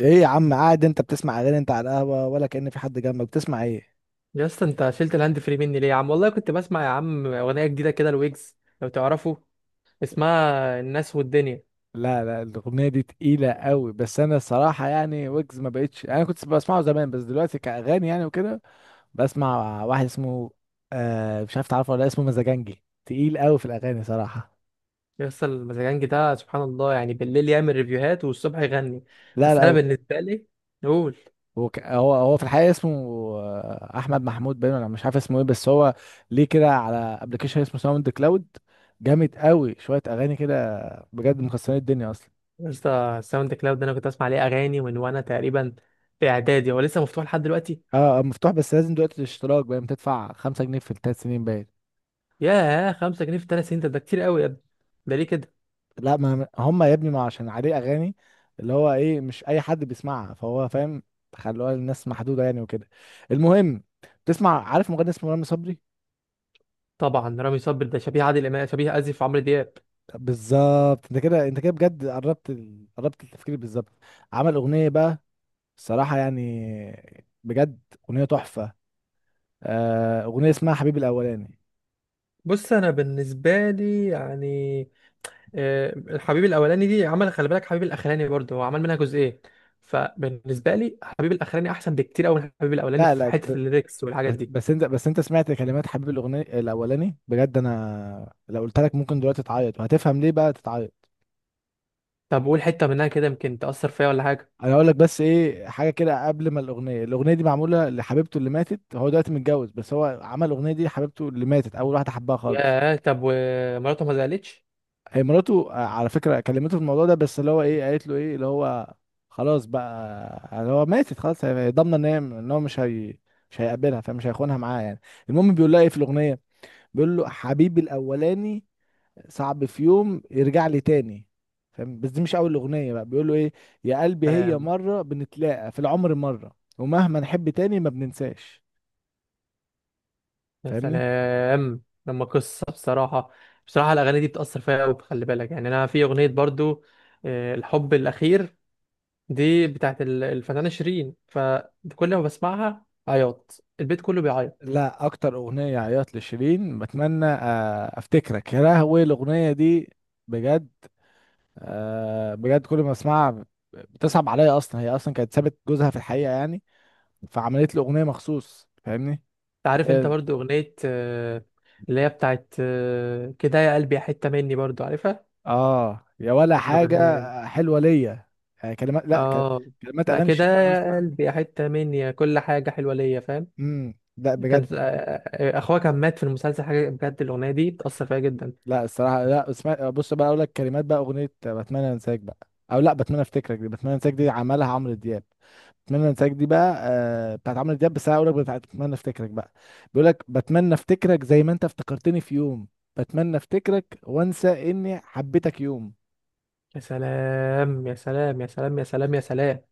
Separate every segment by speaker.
Speaker 1: ايه يا عم؟ قاعد انت بتسمع اغاني؟ انت على القهوه ولا كأن في حد جنبك؟ بتسمع ايه؟
Speaker 2: يا اسطى، انت شلت الهاند فري مني ليه يا عم؟ والله كنت بسمع يا عم اغنيه جديده كده، الويجز لو تعرفه، اسمها الناس والدنيا.
Speaker 1: لا لا، الاغنيه دي تقيله قوي. بس انا الصراحه يعني ويجز ما بقتش، انا كنت بسمعه زمان بس دلوقتي كاغاني يعني وكده. بسمع واحد اسمه... مش عارف تعرفه ولا لأ، اسمه مزاجنجي، تقيل قوي في الاغاني صراحه.
Speaker 2: يا اسطى، المزاجنج ده سبحان الله، يعني بالليل يعمل ريفيوهات والصبح يغني.
Speaker 1: لا
Speaker 2: بس
Speaker 1: لا،
Speaker 2: انا
Speaker 1: هو
Speaker 2: بالنسبه لي نقول.
Speaker 1: هو في الحقيقه اسمه... احمد محمود باين، انا مش عارف اسمه ايه بس هو ليه كده على ابلكيشن اسمه ساوند كلاود. جامد قوي، شويه اغاني كده بجد مكسرين الدنيا اصلا.
Speaker 2: يا اسطى، الساوند كلاود ده انا كنت اسمع عليه اغاني من وانا تقريبا في اعدادي، هو لسه مفتوح لحد دلوقتي.
Speaker 1: اه، مفتوح بس لازم دلوقتي الاشتراك باين بتدفع 5 جنيه في ال3 سنين باين.
Speaker 2: ياه، 5 جنيه في 3 سنين؟ ده كتير قوي يا ابني، ده ليه كده؟
Speaker 1: لا، ما هم يا ابني ما عشان عليه اغاني اللي هو ايه، مش اي حد بيسمعها فهو فاهم. خلوها للناس محدودة يعني وكده. المهم، تسمع؟ عارف مغني اسمه رامي صبري؟
Speaker 2: طبعا، رامي صبري ده شبيه عادل امام، شبيه، اسف، عمرو دياب.
Speaker 1: بالظبط، انت كده انت كده بجد قربت قربت التفكير بالظبط. عمل اغنية بقى الصراحة يعني بجد اغنية تحفة. اغنية اسمها حبيبي الاولاني.
Speaker 2: بص انا بالنسبه لي يعني، الحبيب الاولاني دي عمل، خلي بالك، حبيب الاخراني برضه هو عمل منها جزئين. فبالنسبه لي حبيب الاخراني احسن بكتير قوي من حبيب الاولاني
Speaker 1: لا
Speaker 2: في
Speaker 1: لا، بس
Speaker 2: حته الليركس والحاجات دي.
Speaker 1: بس انت سمعت كلمات حبيب الاغنيه الاولاني؟ بجد انا لو قلت لك ممكن دلوقتي تعيط، وهتفهم ليه بقى تتعيط.
Speaker 2: طب قول حته منها كده، يمكن تاثر فيها ولا حاجه.
Speaker 1: انا هقول لك بس ايه حاجه كده. قبل ما الاغنيه دي معموله لحبيبته اللي ماتت، هو دلوقتي متجوز بس هو عمل الاغنيه دي لحبيبته اللي ماتت، اول واحده حبها خالص.
Speaker 2: ياه، طب ومراته ما زعلتش؟
Speaker 1: هي مراته على فكره كلمته في الموضوع ده، بس اللي هو ايه، قالت له ايه اللي هو خلاص بقى، اللي هو ماتت خلاص، هي ضامنه ان هي ان هو مش هي مش هيقابلها، فمش هيخونها معاه يعني. المهم، بيقول لها ايه في الاغنيه؟ بيقول له حبيبي الاولاني صعب في يوم يرجع لي تاني. فاهم؟ بس دي مش اول اغنيه بقى، بيقولوا ايه؟ يا قلبي هي
Speaker 2: سلام.
Speaker 1: مره بنتلاقى في العمر مره، ومهما نحب تاني ما بننساش.
Speaker 2: يا
Speaker 1: فاهمني؟
Speaker 2: سلام لما قصه بصراحه. بصراحه الاغاني دي بتاثر فيها قوي، خلي بالك، يعني انا في اغنيه برضه، الحب الاخير، دي بتاعت الفنانه شيرين، فكل ما بسمعها عياط، البيت كله بيعيط.
Speaker 1: لا، اكتر اغنيه عيط لشيرين بتمنى افتكرك، يا لهوي الاغنيه دي بجد. بجد كل ما اسمعها بتصعب عليا. اصلا هي اصلا كانت سابت جوزها في الحقيقه يعني، فعملت له اغنيه مخصوص. فاهمني؟
Speaker 2: عارف انت برضو اغنية، اللي هي بتاعت، كده يا قلبي يا حتة مني، برضو عارفها
Speaker 1: اه يا ولا حاجه
Speaker 2: الاغنية دي؟
Speaker 1: حلوه ليا، يعني كلمات، لا ك-
Speaker 2: اه،
Speaker 1: كلمات
Speaker 2: لا،
Speaker 1: اغاني
Speaker 2: كده
Speaker 1: الشيخ
Speaker 2: يا
Speaker 1: اصلا.
Speaker 2: قلبي يا حتة مني يا كل حاجة حلوة ليا، فاهم؟
Speaker 1: لا
Speaker 2: كان،
Speaker 1: بجد،
Speaker 2: اخوها كان مات في المسلسل، حاجة بجد، الاغنية دي بتأثر فيها جدا.
Speaker 1: لا الصراحه لا. اسمع بص بقى، اقول لك كلمات بقى اغنيه بتمنى انساك بقى، او لا بتمنى افتكرك. دي بتمنى انساك دي عملها عمرو دياب. بتمنى انساك دي بقى بتاعت عمرو دياب، بس انا اقول لك بتاعت بتمنى افتكرك بقى. بيقول لك بتمنى افتكرك زي ما انت افتكرتني في يوم، بتمنى افتكرك وانسى اني حبيتك يوم.
Speaker 2: يا سلام يا سلام يا سلام يا سلام يا سلام،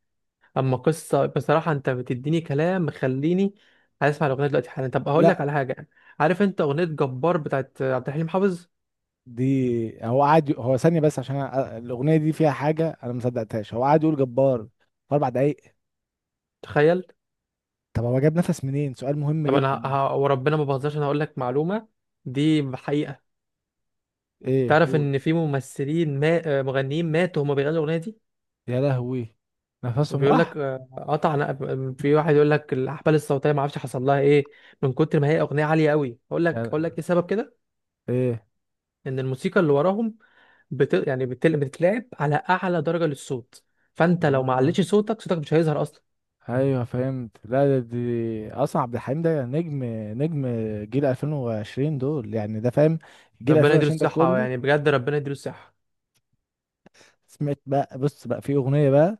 Speaker 2: اما قصة بصراحة، انت بتديني كلام مخليني عايز اسمع الاغنية دلوقتي حالا. طب اقول لك
Speaker 1: لا،
Speaker 2: على حاجة، عارف انت اغنية جبار بتاعت عبد الحليم حافظ؟
Speaker 1: دي هو ثانية بس، عشان الأغنية دي فيها حاجة أنا ما صدقتهاش، هو قعد يقول جبار في 4 دقايق.
Speaker 2: تخيل.
Speaker 1: طب هو جاب نفس منين؟ سؤال مهم
Speaker 2: طب انا
Speaker 1: جدا.
Speaker 2: وربنا ما بهزرش، انا هقول لك معلومه دي حقيقه.
Speaker 1: إيه؟
Speaker 2: تعرف
Speaker 1: قول.
Speaker 2: ان في ممثلين، ما... آه، مغنيين ماتوا هما بيغنوا الاغنيه دي؟
Speaker 1: يا لهوي، نفسهم
Speaker 2: بيقول لك،
Speaker 1: راح؟
Speaker 2: قطع في واحد يقول لك الاحبال الصوتيه ما اعرفش حصل لها ايه، من كتر ما هي اغنيه عاليه قوي. اقول
Speaker 1: يا
Speaker 2: لك، اقول لك
Speaker 1: ل-
Speaker 2: ايه سبب كده؟
Speaker 1: إيه؟
Speaker 2: ان الموسيقى اللي وراهم يعني بتتلعب على اعلى درجه للصوت، فانت لو ما
Speaker 1: آه،
Speaker 2: عليتش صوتك، صوتك مش هيظهر اصلا.
Speaker 1: أيوه فهمت. لا ده، دي أصلا عبد الحليم، ده نجم، نجم جيل 2020 دول يعني، ده فاهم جيل
Speaker 2: ربنا يديله
Speaker 1: 2020 ده
Speaker 2: الصحه،
Speaker 1: كله.
Speaker 2: يعني بجد ربنا يديله الصحه.
Speaker 1: سمعت بقى؟ بص بقى، في أغنية بقى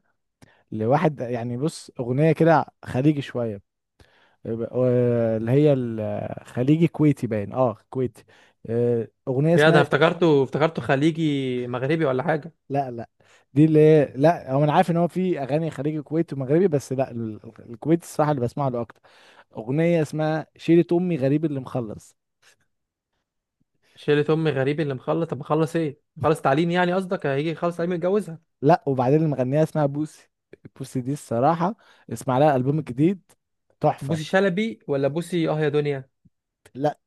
Speaker 1: لواحد يعني، بص أغنية كده خليجي شوية، اللي هي الخليجي كويتي باين، اه كويتي. اغنيه
Speaker 2: يا، ده أنا
Speaker 1: اسمها...
Speaker 2: افتكرته افتكرته، خليجي، مغربي، ولا حاجه؟
Speaker 1: لا لا، دي اللي هي، لا هو انا عارف ان هو في اغاني خليجي كويتي ومغربي بس لا، الكويتي الصراحه اللي بسمع له اكتر. اغنيه اسمها شيرة امي غريب اللي مخلص.
Speaker 2: شيلة أم غريب اللي مخلص. طب مخلص إيه؟ مخلص تعليم؟ يعني قصدك هيجي يخلص تعليم يتجوزها؟
Speaker 1: لا، وبعدين اللي مغنيها اسمها بوسي. بوسي دي الصراحه اسمع لها البوم جديد، تحفه.
Speaker 2: بوسي شلبي، ولا بوسي أه يا دنيا؟
Speaker 1: لا،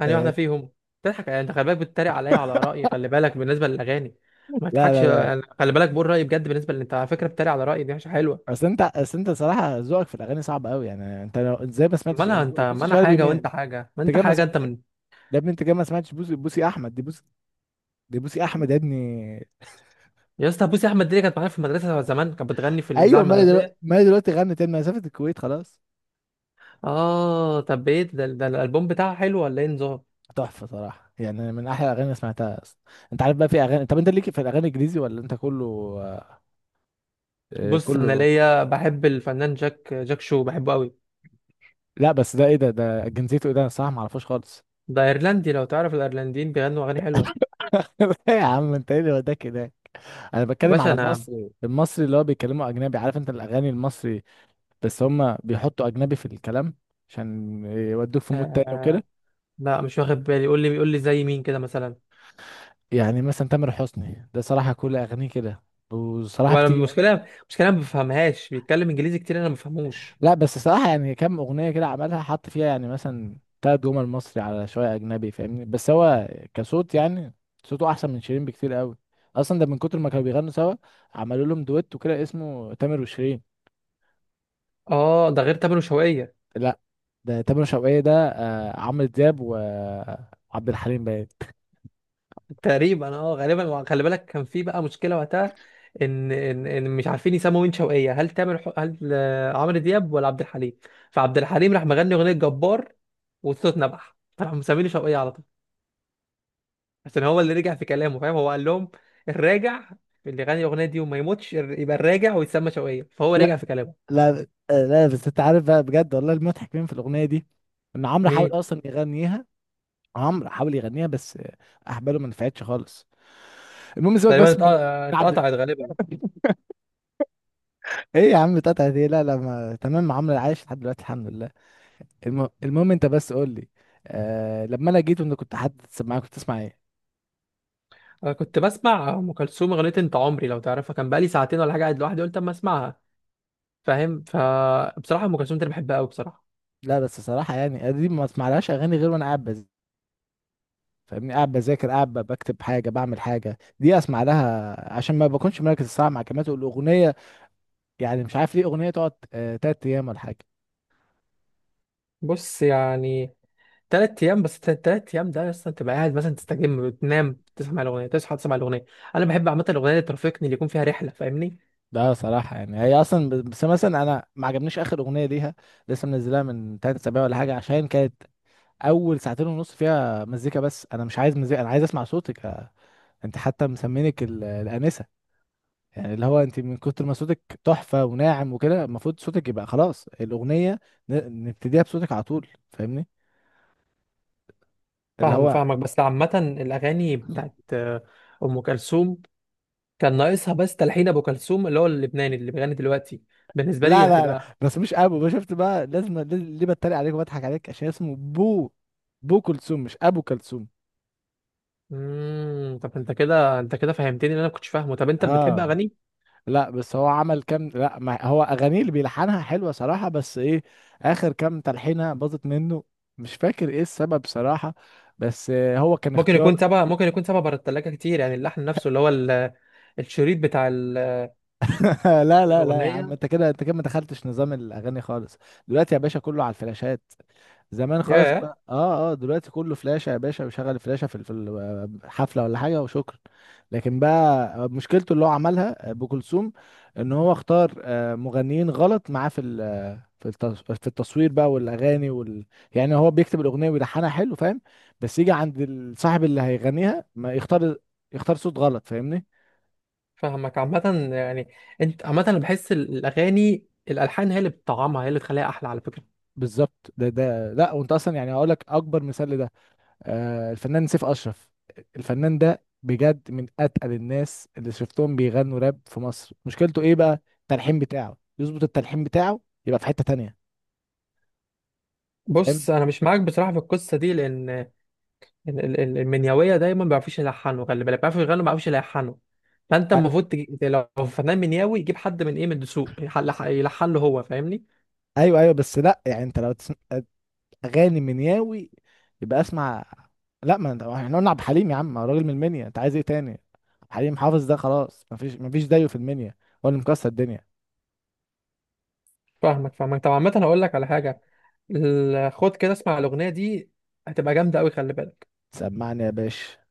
Speaker 2: أنهي واحدة
Speaker 1: آه،
Speaker 2: فيهم؟ تضحك يعني؟ أنت خلي بالك بتتريق عليا على آرائي، خلي بالك بالنسبة للأغاني ما
Speaker 1: لا
Speaker 2: تضحكش.
Speaker 1: لا لا،
Speaker 2: يعني خلي بالك، بقول رأيي بجد، بالنسبة اللي أنت على فكرة بتتريق على رأيي دي مش حلوة.
Speaker 1: اصل انت صراحه ذوقك في الاغاني صعب قوي يعني، انت لو ازاي ما
Speaker 2: ما
Speaker 1: سمعتش.
Speaker 2: أنا، أنت،
Speaker 1: بص
Speaker 2: ما أنا
Speaker 1: شهاب،
Speaker 2: حاجة
Speaker 1: مين
Speaker 2: وأنت
Speaker 1: انت
Speaker 2: حاجة، ما أنت
Speaker 1: جاي ما...
Speaker 2: حاجة، أنت من.
Speaker 1: ده ابني، انت كده ما سمعتش بوسي؟ بوسي احمد، دي بوسي، دي بوسي احمد يا ابني.
Speaker 2: يا اسطى، بوسي أحمد دي اللي كانت معايا في المدرسة زمان، كانت بتغني في الإذاعة
Speaker 1: ايوه، ما هي دلوقتي
Speaker 2: المدرسية.
Speaker 1: ما هي دلوقتي غنت تاني مسافه الكويت خلاص.
Speaker 2: آه، طب إيه ده, الألبوم بتاعها حلو ولا إيه نظام؟
Speaker 1: تحفه صراحه يعني، من احلى الاغاني اللي سمعتها اصلا. انت عارف بقى في اغاني؟ طب انت ليك في الاغاني الانجليزي، ولا انت كله...
Speaker 2: بص أنا
Speaker 1: كله.
Speaker 2: ليا بحب الفنان جاك شو، بحبه أوي.
Speaker 1: لا بس ده ايه؟ ده جنسيته ايه؟ ده انا الصراحه ما اعرفوش خالص.
Speaker 2: ده ايرلندي، لو تعرف الايرلنديين بيغنوا اغاني حلوه.
Speaker 1: إيه يا عم؟ انت ايه اللي وداك هناك؟ انا
Speaker 2: يا
Speaker 1: بتكلم
Speaker 2: باشا،
Speaker 1: على
Speaker 2: انا
Speaker 1: المصري، المصري اللي هو بيتكلموا اجنبي، عارف انت الاغاني المصري؟ بس هم بيحطوا اجنبي في الكلام عشان يودوك في مود
Speaker 2: آه...
Speaker 1: تاني
Speaker 2: آه،
Speaker 1: وكده.
Speaker 2: لا، مش واخد بالي، قول لي، قول لي زي مين كده مثلا.
Speaker 1: يعني مثلا تامر حسني ده صراحة كل أغانيه كده، وصراحة
Speaker 2: هو، أنا
Speaker 1: بتيجي.
Speaker 2: المشكله، أنا ما بفهمهاش، بيتكلم انجليزي كتير، انا ما بفهموش.
Speaker 1: لا بس صراحة يعني، كام أغنية كده عملها حط فيها يعني مثلا تلات جمل مصري على شوية أجنبي، فاهمني؟ بس هو كصوت يعني، صوته أحسن من شيرين بكتير قوي، أصلا ده من كتر ما كانوا بيغنوا سوا، عملوا لهم دويت وكده اسمه تامر وشيرين.
Speaker 2: اه، ده غير تامر وشوقية.
Speaker 1: لا، ده تامر شوقية، ده عمرو دياب وعبد الحليم باين.
Speaker 2: تقريبا اه، غالبا، وخلي بالك كان في بقى مشكله وقتها، إن مش عارفين يسموا مين شوقية، هل تامر، هل عمرو دياب ولا عبد الحليم. فعبد الحليم راح مغني اغنيه جبار، والصوت نبح، فراحوا مسميني شوقية على طول، عشان هو اللي رجع في كلامه، فاهم؟ هو قال لهم: الراجع اللي غني الاغنيه دي وما يموتش يبقى الراجع ويتسمى شوقية، فهو
Speaker 1: لا
Speaker 2: رجع في كلامه.
Speaker 1: لا آه، لا بس انت عارف بقى، بجد والله المضحك مين في الاغنيه دي؟ ان عمرو حاول
Speaker 2: مين؟
Speaker 1: اصلا يغنيها، عمرو حاول يغنيها بس احباله ما نفعتش خالص. المهم، سيبك
Speaker 2: تقريبا
Speaker 1: بس من عبد...
Speaker 2: اتقطعت غالبا.
Speaker 1: ايه يا عم بتاعتها دي؟ لا لا، ما... تمام، عمرو عايش لحد دلوقتي الحمد لله. المهم انت بس قول لي. لما انا جيت وانت كنت حد معايا، كنت تسمع ايه؟
Speaker 2: انا كنت بسمع ام كلثوم، اغنيه انت عمري، لو تعرفها، كان بقالي ساعتين ولا حاجه قاعد لوحدي، قلت اما اسمعها، فاهم؟ فبصراحه ام كلثوم دي انا بحبها قوي بصراحه.
Speaker 1: لا بس صراحة يعني دي ما اسمعلهاش اغاني غير وانا قاعد فاهمني، قاعد بذاكر، قاعد بكتب حاجة، بعمل حاجة. دي اسمع لها عشان ما بكونش مركز الساعة مع كلمات الاغنية، يعني مش عارف ليه اغنية تقعد 3 ايام ولا حاجة.
Speaker 2: بص يعني، 3 ايام، بس 3 ايام ده اصلا تبقى قاعد مثلا تستجم، تنام تسمع الاغنيه، تصحى تسمع الاغنيه. انا بحب عامه الاغنيه اللي ترافقني، اللي يكون فيها رحله، فاهمني؟
Speaker 1: ده صراحة يعني هي أصلا بس مثلا أنا ما عجبنيش آخر أغنية ليها، لسه منزلها من 3 أسابيع ولا حاجة، عشان كانت أول 2:30 فيها مزيكا، بس أنا مش عايز مزيكا، أنا عايز أسمع صوتك. أنت حتى مسمينك الآنسة، يعني اللي هو أنت من كتر ما صوتك تحفة وناعم وكده، المفروض صوتك يبقى خلاص الأغنية نبتديها بصوتك على طول. فاهمني اللي
Speaker 2: فاهم،
Speaker 1: هو...
Speaker 2: فاهمك، بس عامة الأغاني بتاعت أم كلثوم، كان ناقصها بس تلحين أبو كلثوم، اللي هو اللبناني اللي بيغني دلوقتي، بالنسبة لي
Speaker 1: لا لا لا،
Speaker 2: هيبقى.
Speaker 1: بس مش أبو بقى، شفت بقى لازم ليه بتريق عليك وبضحك عليك؟ عشان اسمه بو، بو كلثوم مش أبو كلثوم.
Speaker 2: طب أنت كده أنت كده فهمتني اللي أنا ما كنتش فاهمه. طب أنت بتحب
Speaker 1: اه،
Speaker 2: أغاني؟
Speaker 1: لا بس هو عمل كام... لا ما هو اغانيه اللي بيلحنها حلوه صراحه، بس ايه، اخر كام تلحينه باظت منه، مش فاكر ايه السبب صراحه، بس هو كان
Speaker 2: ممكن
Speaker 1: اختيار.
Speaker 2: يكون تبع، ممكن يكون تبع بره التلاجة كتير، يعني اللحن نفسه، اللي هو الشريط بتاع
Speaker 1: لا لا لا يا عم،
Speaker 2: الأغنية.
Speaker 1: انت كده انت كده ما دخلتش نظام الاغاني خالص. دلوقتي يا باشا كله على الفلاشات، زمان خالص
Speaker 2: يا،
Speaker 1: بقى. اه، دلوقتي كله فلاشه يا باشا، وشغل فلاشه في الحفله ولا حاجه، وشكرا. لكن بقى مشكلته اللي هو عملها ابو كلثوم، ان هو اختار مغنيين غلط معاه في في في التصوير بقى والاغاني يعني هو بيكتب الاغنيه ويلحنها حلو، فاهم؟ بس يجي عند الصاحب اللي هيغنيها، ما يختار، يختار صوت غلط. فاهمني؟
Speaker 2: فاهمك عامة، يعني، أنت عامة، أنا بحس الأغاني الألحان هي اللي بتطعمها، هي اللي بتخليها أحلى، على فكرة.
Speaker 1: بالظبط، ده لا وانت اصلا يعني هقول لك اكبر مثال لده، الفنان سيف اشرف. الفنان ده بجد من اتقل الناس اللي شفتهم بيغنوا راب في مصر، مشكلته ايه بقى؟ التلحين بتاعه يظبط، التلحين بتاعه يبقى في حته تانية.
Speaker 2: بص
Speaker 1: فاهم؟
Speaker 2: أنا مش معاك بصراحة في القصة دي، لأن المنيوية دايما ما بيعرفوش يلحنوا، خلي بالك، بيعرفوا يغنوا، ما بيعرفوش يلحنوا. فانت
Speaker 1: آه،
Speaker 2: المفروض لو فنان منياوي يجيب حد من من الدسوق يلحن له هو، فاهمني؟
Speaker 1: ايوه ايوه، بس لا يعني انت لو تسمع اغاني منياوي، يبقى اسمع. لا، ما انت- احنا قلنا عبد الحليم، يا عم هو راجل من المنيا، انت عايز ايه تاني؟ عبد الحليم حافظ ده خلاص، مفيش زيه في المنيا، هو اللي مكسر الدنيا.
Speaker 2: فاهمك فاهمك، طب عامة هقول لك على حاجة. خد كده اسمع الأغنية دي، هتبقى جامدة أوي، خلي بالك.
Speaker 1: سمعني يا باشا.